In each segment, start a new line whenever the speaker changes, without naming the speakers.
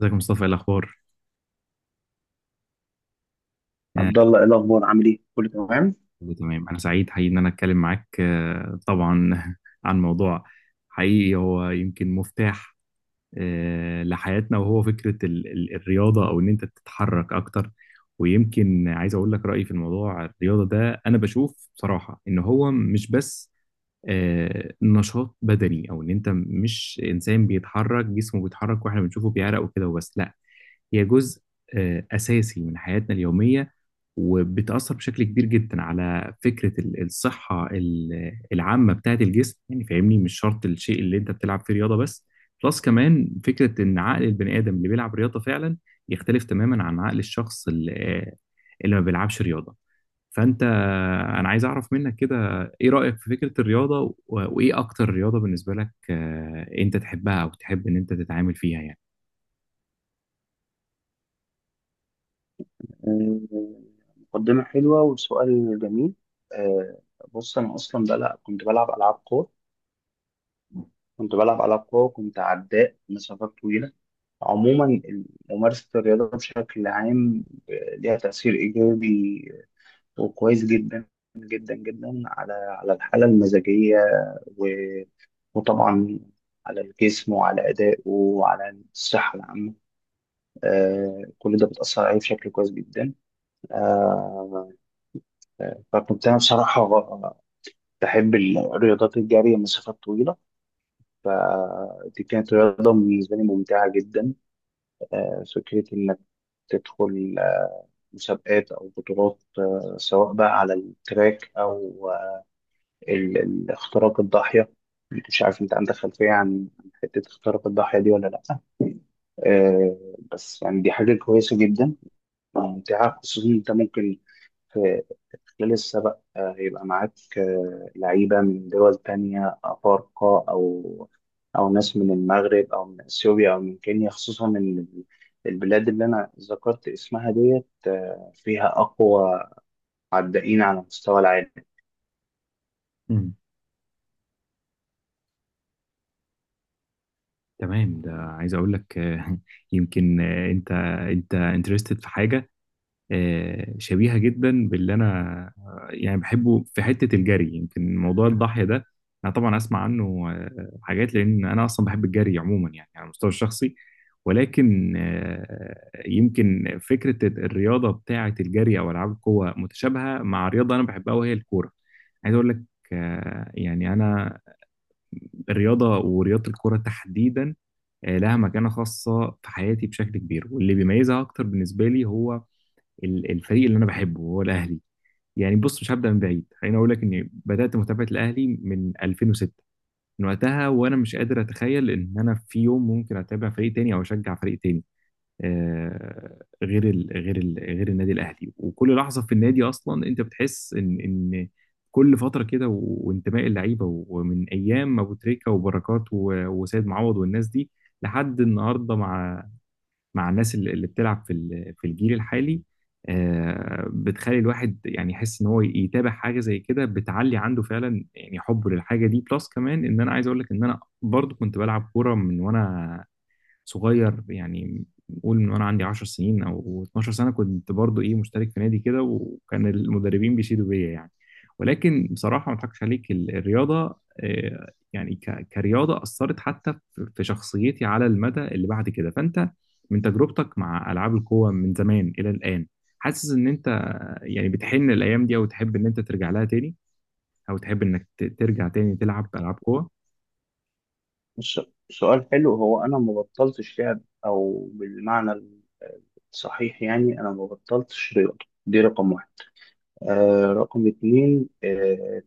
ازيك يا مصطفى؟ ايه الاخبار؟ آه،
عبد الله، ايه الاخبار؟ عامل ايه؟ كله تمام؟
كله تمام. انا سعيد حقيقي ان انا اتكلم معاك. طبعا عن موضوع حقيقي هو يمكن مفتاح لحياتنا، وهو فكره الرياضه او ان انت تتحرك اكتر. ويمكن عايز اقول لك رايي في الموضوع الرياضه ده. انا بشوف بصراحه ان هو مش بس نشاط بدني او ان انت مش انسان بيتحرك جسمه بيتحرك واحنا بنشوفه بيعرق وكده وبس. لا، هي جزء اساسي من حياتنا اليوميه، وبتأثر بشكل كبير جدا على فكرة الصحة العامة بتاعت الجسم، يعني فاهمني؟ مش شرط الشيء اللي انت بتلعب فيه رياضة بس، بلس كمان فكرة ان عقل البني آدم اللي بيلعب رياضة فعلا يختلف تماما عن عقل الشخص اللي ما بيلعبش رياضة. فانت، انا عايز اعرف منك كده، ايه رأيك في فكرة الرياضة وايه اكتر رياضة بالنسبة لك؟ انت تحبها او تحب ان انت تتعامل فيها يعني؟
آه، مقدمه حلوه وسؤال جميل. آه، بص، انا اصلا بلعب، كنت بلعب العاب قوه. وكنت عداء مسافات طويله. عموما ممارسه الرياضه بشكل عام ليها تاثير ايجابي وكويس جدا جدا جدا على الحاله المزاجيه و- وطبعا على الجسم وعلى ادائه وعلى الصحه العامه. كل ده بتاثر عليه بشكل كويس جدا. آه، فكنت أنا بصراحة بحب الرياضات، الجري، المسافات الطويلة. فدي كانت رياضة بالنسبة لي ممتعة جدا. فكرة إنك تدخل مسابقات أو بطولات، سواء بقى على التراك أو اختراق الضاحية. مش عارف أنت عندك خلفية عن حتة اختراق الضاحية دي ولا لأ. بس يعني دي حاجة كويسة جدا، ممتعة، خصوصا أنت ممكن لسه بقى هيبقى معاك لعيبة من دول تانية أفارقة أو أو ناس من المغرب أو من أثيوبيا أو من كينيا، خصوصا إن البلاد اللي أنا ذكرت اسمها ديت فيها أقوى عدائين على مستوى العالم.
مم. تمام، ده عايز اقول لك يمكن، انت انترستد في حاجة شبيهة جدا باللي أنا يعني بحبه في حتة الجري. يمكن موضوع الضاحية ده أنا طبعا أسمع عنه حاجات، لأن أنا أصلا بحب الجري عموما يعني على المستوى الشخصي. ولكن يمكن فكرة الرياضة بتاعة الجري أو ألعاب القوة متشابهة مع رياضة أنا بحبها وهي الكورة. عايز أقول لك يعني أنا الرياضة ورياضة الكورة تحديدا لها مكانة خاصة في حياتي بشكل كبير، واللي بيميزها أكتر بالنسبة لي هو الفريق اللي انا بحبه وهو الاهلي. يعني بص، مش هبدا من بعيد، خليني اقول لك اني بدات متابعه الاهلي من 2006. من وقتها وانا مش قادر اتخيل ان انا في يوم ممكن اتابع فريق تاني او اشجع فريق تاني غير النادي الاهلي. وكل لحظه في النادي اصلا انت بتحس ان كل فتره كده وانتماء اللعيبه ومن ايام ابو تريكه وبركات وسيد معوض والناس دي لحد النهارده، مع مع الناس اللي بتلعب في في الجيل الحالي، بتخلي الواحد يعني يحس ان هو يتابع حاجه زي كده بتعلي عنده فعلا يعني حبه للحاجه دي. بلس كمان ان انا عايز اقول لك ان انا برضو كنت بلعب كوره من وانا صغير، يعني قول من وانا عندي 10 سنين او 12 سنه كنت برضو ايه مشترك في نادي كده وكان المدربين بيشيدوا بيا يعني. ولكن بصراحه ما اضحكش عليك، الرياضه يعني كرياضه اثرت حتى في في شخصيتي على المدى اللي بعد كده. فانت من تجربتك مع العاب القوى من زمان الى الان، حاسس ان انت يعني بتحن الايام دي او تحب ان انت ترجع لها تاني، او تحب انك ترجع تاني تلعب العاب قوى؟
الس- سؤال حلو. هو أنا ما بطلتش لعب، أو بالمعنى الصحيح يعني أنا ما بطلتش رياضة. دي رقم واحد. رقم اتنين،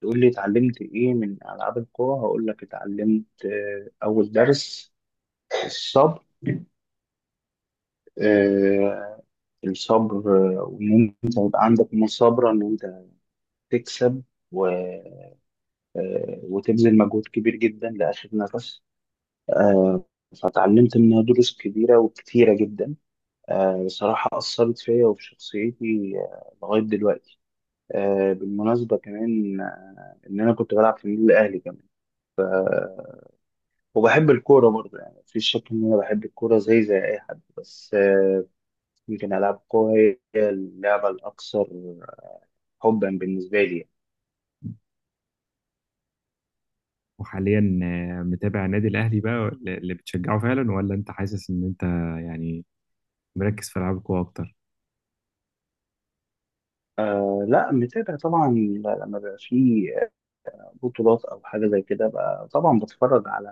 تقول لي اتعلمت ايه من العاب القوى؟ هقول لك اتعلمت اول درس الصبر. آه، الصبر. وان انت يبقى عندك مثابرة ان انت تكسب و... آه، وتبذل مجهود كبير جدا لاخر نفس. آه، فتعلمت منها دروس كبيرة وكتيرة جدا. بصراحة أثرت فيا وفي شخصيتي لغاية دلوقتي. بالمناسبة كمان، إن أنا كنت بلعب في النادي الأهلي كمان، وبحب الكورة برضه. يعني مفيش شك إن أنا بحب الكورة زي زي أي حد، بس يمكن ألعاب القوة هي اللعبة الأكثر حبا بالنسبة لي.
وحاليا متابع النادي الأهلي بقى اللي بتشجعه فعلا، ولا أنت حاسس إن أنت يعني مركز في ألعاب القوى أكتر؟
آه لا، متابع طبعا. لما بيبقى في بطولات أو حاجة زي كده بقى طبعا بتفرج على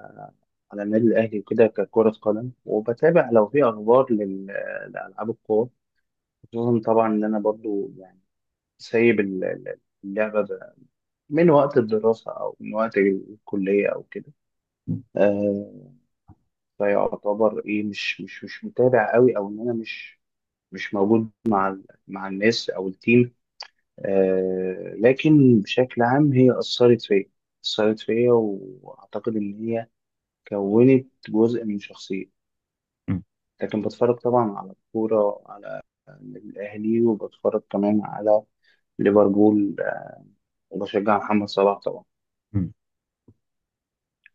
النادي الأهلي وكده ككرة قدم، وبتابع لو في أخبار لألعاب القوة. خصوصا طبعا إن أنا برضو يعني سايب اللعبة من وقت الدراسة أو من وقت الكلية أو كده. آه، فيعتبر ايه، مش متابع قوي، او ان انا مش موجود مع الناس او التيم. آه لكن بشكل عام هي اثرت فيا، اثرت فيا، واعتقد ان هي كونت جزء من شخصيتي.
م-
لكن بتفرج طبعا على الكوره، على الاهلي، وبتفرج كمان على ليفربول وبشجع محمد صلاح طبعا.
م.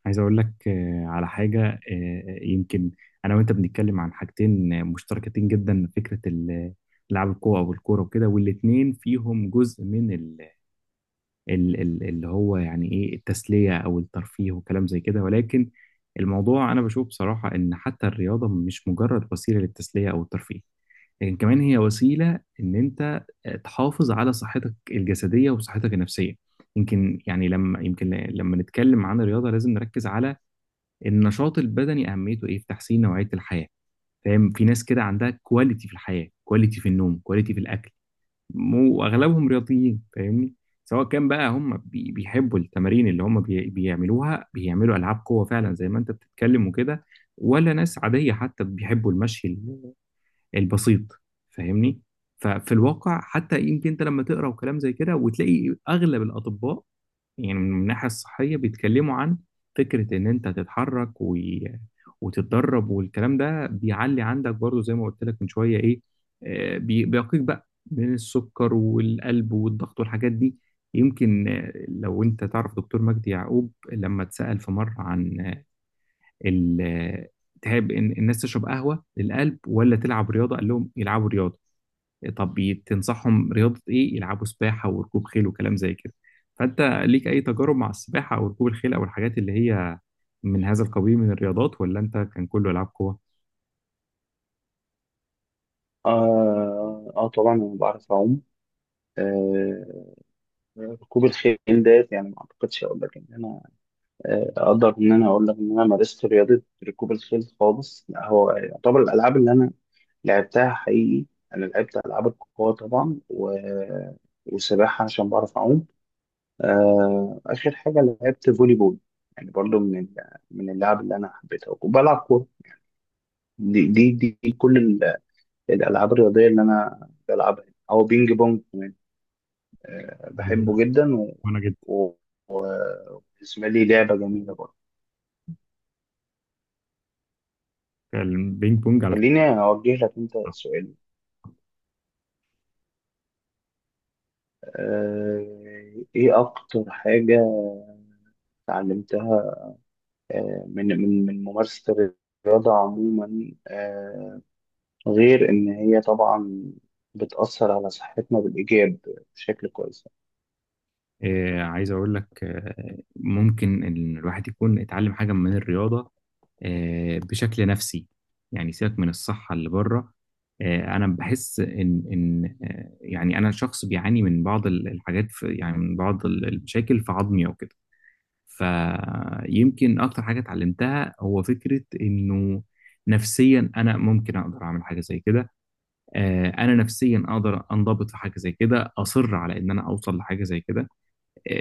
عايز أقول لك على حاجة يمكن أنا وأنت بنتكلم عن حاجتين مشتركتين جدا. فكرة ألعاب القوى أو الكورة وكده، والاتنين فيهم جزء من اللي هو يعني إيه التسلية أو الترفيه وكلام زي كده. ولكن الموضوع أنا بشوف بصراحة إن حتى الرياضة مش مجرد وسيلة للتسلية أو الترفيه، كمان هي وسيلة إن أنت تحافظ على صحتك الجسدية وصحتك النفسية. يمكن لما نتكلم عن الرياضة لازم نركز على النشاط البدني، أهميته إيه في تحسين نوعية الحياة. فاهم؟ في ناس كده عندها كواليتي في الحياة، كواليتي في النوم، كواليتي في الأكل، وأغلبهم رياضيين، فاهمني؟ سواء كان بقى هم بيحبوا التمارين اللي هم بيعملوها، بيعملوا ألعاب قوة فعلا زي ما أنت بتتكلم وكده، ولا ناس عادية حتى بيحبوا المشي البسيط، فاهمني؟ ففي الواقع حتى يمكن انت لما تقرا وكلام زي كده، وتلاقي اغلب الاطباء يعني من الناحيه الصحيه بيتكلموا عن فكره ان انت تتحرك وتتدرب، والكلام ده بيعلي عندك برضو زي ما قلت لك من شويه ايه، بيقيك بقى من السكر والقلب والضغط والحاجات دي. يمكن لو انت تعرف دكتور مجدي يعقوب لما اتسأل في مره عن ال- تحب إن الناس تشرب قهوة للقلب ولا تلعب رياضة، قال لهم يلعبوا رياضة. طب تنصحهم رياضة إيه؟ يلعبوا سباحة وركوب خيل وكلام زي كده. فأنت ليك أي تجارب مع السباحة أو ركوب الخيل أو الحاجات اللي هي من هذا القبيل من الرياضات، ولا أنت كان كله ألعاب قوة؟
اه طبعا انا بعرف اعوم. آه، ركوب الخيل ديت، يعني ما اعتقدش اقول لك ان انا اقدر ان انا اقول لك ان انا مارست رياضه ركوب الخيل خالص، لا. هو يعتبر الالعاب اللي انا لعبتها حقيقي، انا لعبت العاب القوه طبعا، وسباحه عشان بعرف اعوم. اخر حاجه لعبت فولي بول، يعني برضو من من اللعب اللي انا حبيتها، وبلعب كوره. دي كل الالعاب الرياضيه اللي انا بلعبها، او بينج بونج. بحبه جدا
وأنا جدا
و... وبالنسبه لي لعبه جميله برضه.
البينج بونج على.
خليني اوجه لك انت سؤال، ايه اكتر حاجة اتعلمتها من ممارسة الرياضة عموما، غير ان هي طبعا بتأثر على صحتنا بالإيجاب بشكل كويس؟
عايز أقول لك ممكن إن الواحد يكون اتعلم حاجة من الرياضة بشكل نفسي، يعني سيبك من الصحة اللي بره. أنا بحس إن يعني أنا شخص بيعاني من بعض الحاجات في، يعني من بعض المشاكل في عظمي أو كده. فيمكن أكتر حاجة اتعلمتها هو فكرة إنه نفسيا أنا ممكن أقدر أعمل حاجة زي كده، أنا نفسيا أقدر أنضبط في حاجة زي كده، أصر على إن أنا أوصل لحاجة زي كده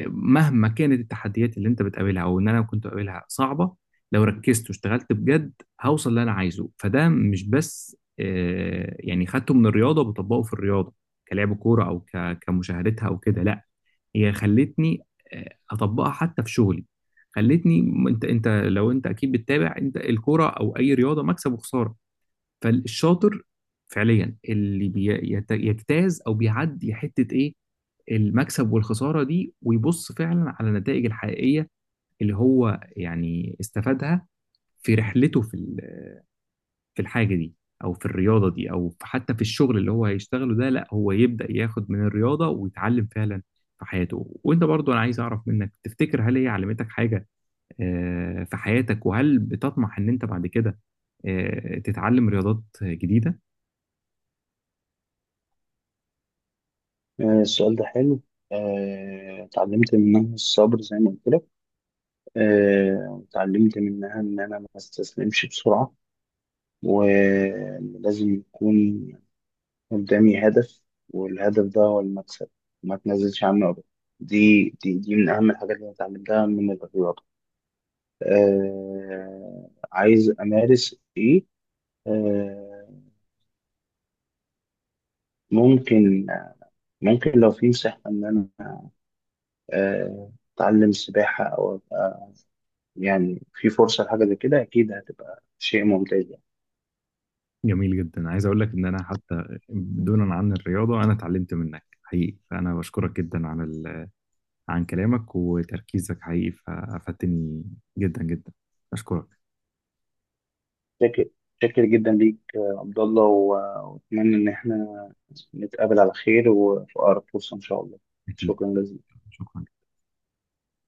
مهما كانت التحديات اللي انت بتقابلها او ان انا كنت بقابلها صعبه. لو ركزت واشتغلت بجد، هوصل اللي انا عايزه. فده مش بس يعني خدته من الرياضه وبطبقه في الرياضه كلعب كوره او كمشاهدتها او كده، لا، هي خلتني اطبقها حتى في شغلي. خلتني انت لو انت اكيد بتتابع انت الكوره او اي رياضه مكسب وخساره، فالشاطر فعليا اللي بيجتاز او بيعدي حته ايه المكسب والخسارة دي ويبص فعلا على النتائج الحقيقية اللي هو يعني استفادها في رحلته في في الحاجة دي أو في الرياضة دي حتى في الشغل اللي هو هيشتغله ده. لا، هو يبدأ ياخد من الرياضة ويتعلم فعلا في حياته. وأنت برضو أنا عايز أعرف منك، تفتكر هل هي علمتك حاجة في حياتك؟ وهل بتطمح إن أنت بعد كده تتعلم رياضات جديدة؟
السؤال ده حلو. اتعلمت منها الصبر زي ما قلت لك. اتعلمت منها ان انا ما استسلمش بسرعة، ولازم يكون قدامي هدف، والهدف ده هو المكسب، ما تنزلش عنه أبدا. دي من أهم الحاجات اللي أنا اتعلمتها من الرياضة. آه، عايز أمارس إيه؟ آه، ممكن، ممكن لو في مساحة إن أنا آه أتعلم سباحة أو أبقى، يعني في فرصة لحاجة زي كده، أكيد هتبقى شيء ممتاز يعني.
جميل جدا. عايز اقول لك ان انا حتى دونا عن الرياضه، انا اتعلمت منك حقيقي، فانا بشكرك جدا عن عن كلامك وتركيزك حقيقي. فافدتني جدا جدا. اشكرك.
شاكر، شاكر جدا ليك يا عبد الله، وأتمنى إن إحنا نتقابل على خير وفي أقرب فرصة إن شاء الله.
اكيد.
شكرا جزيلا.
شكرا.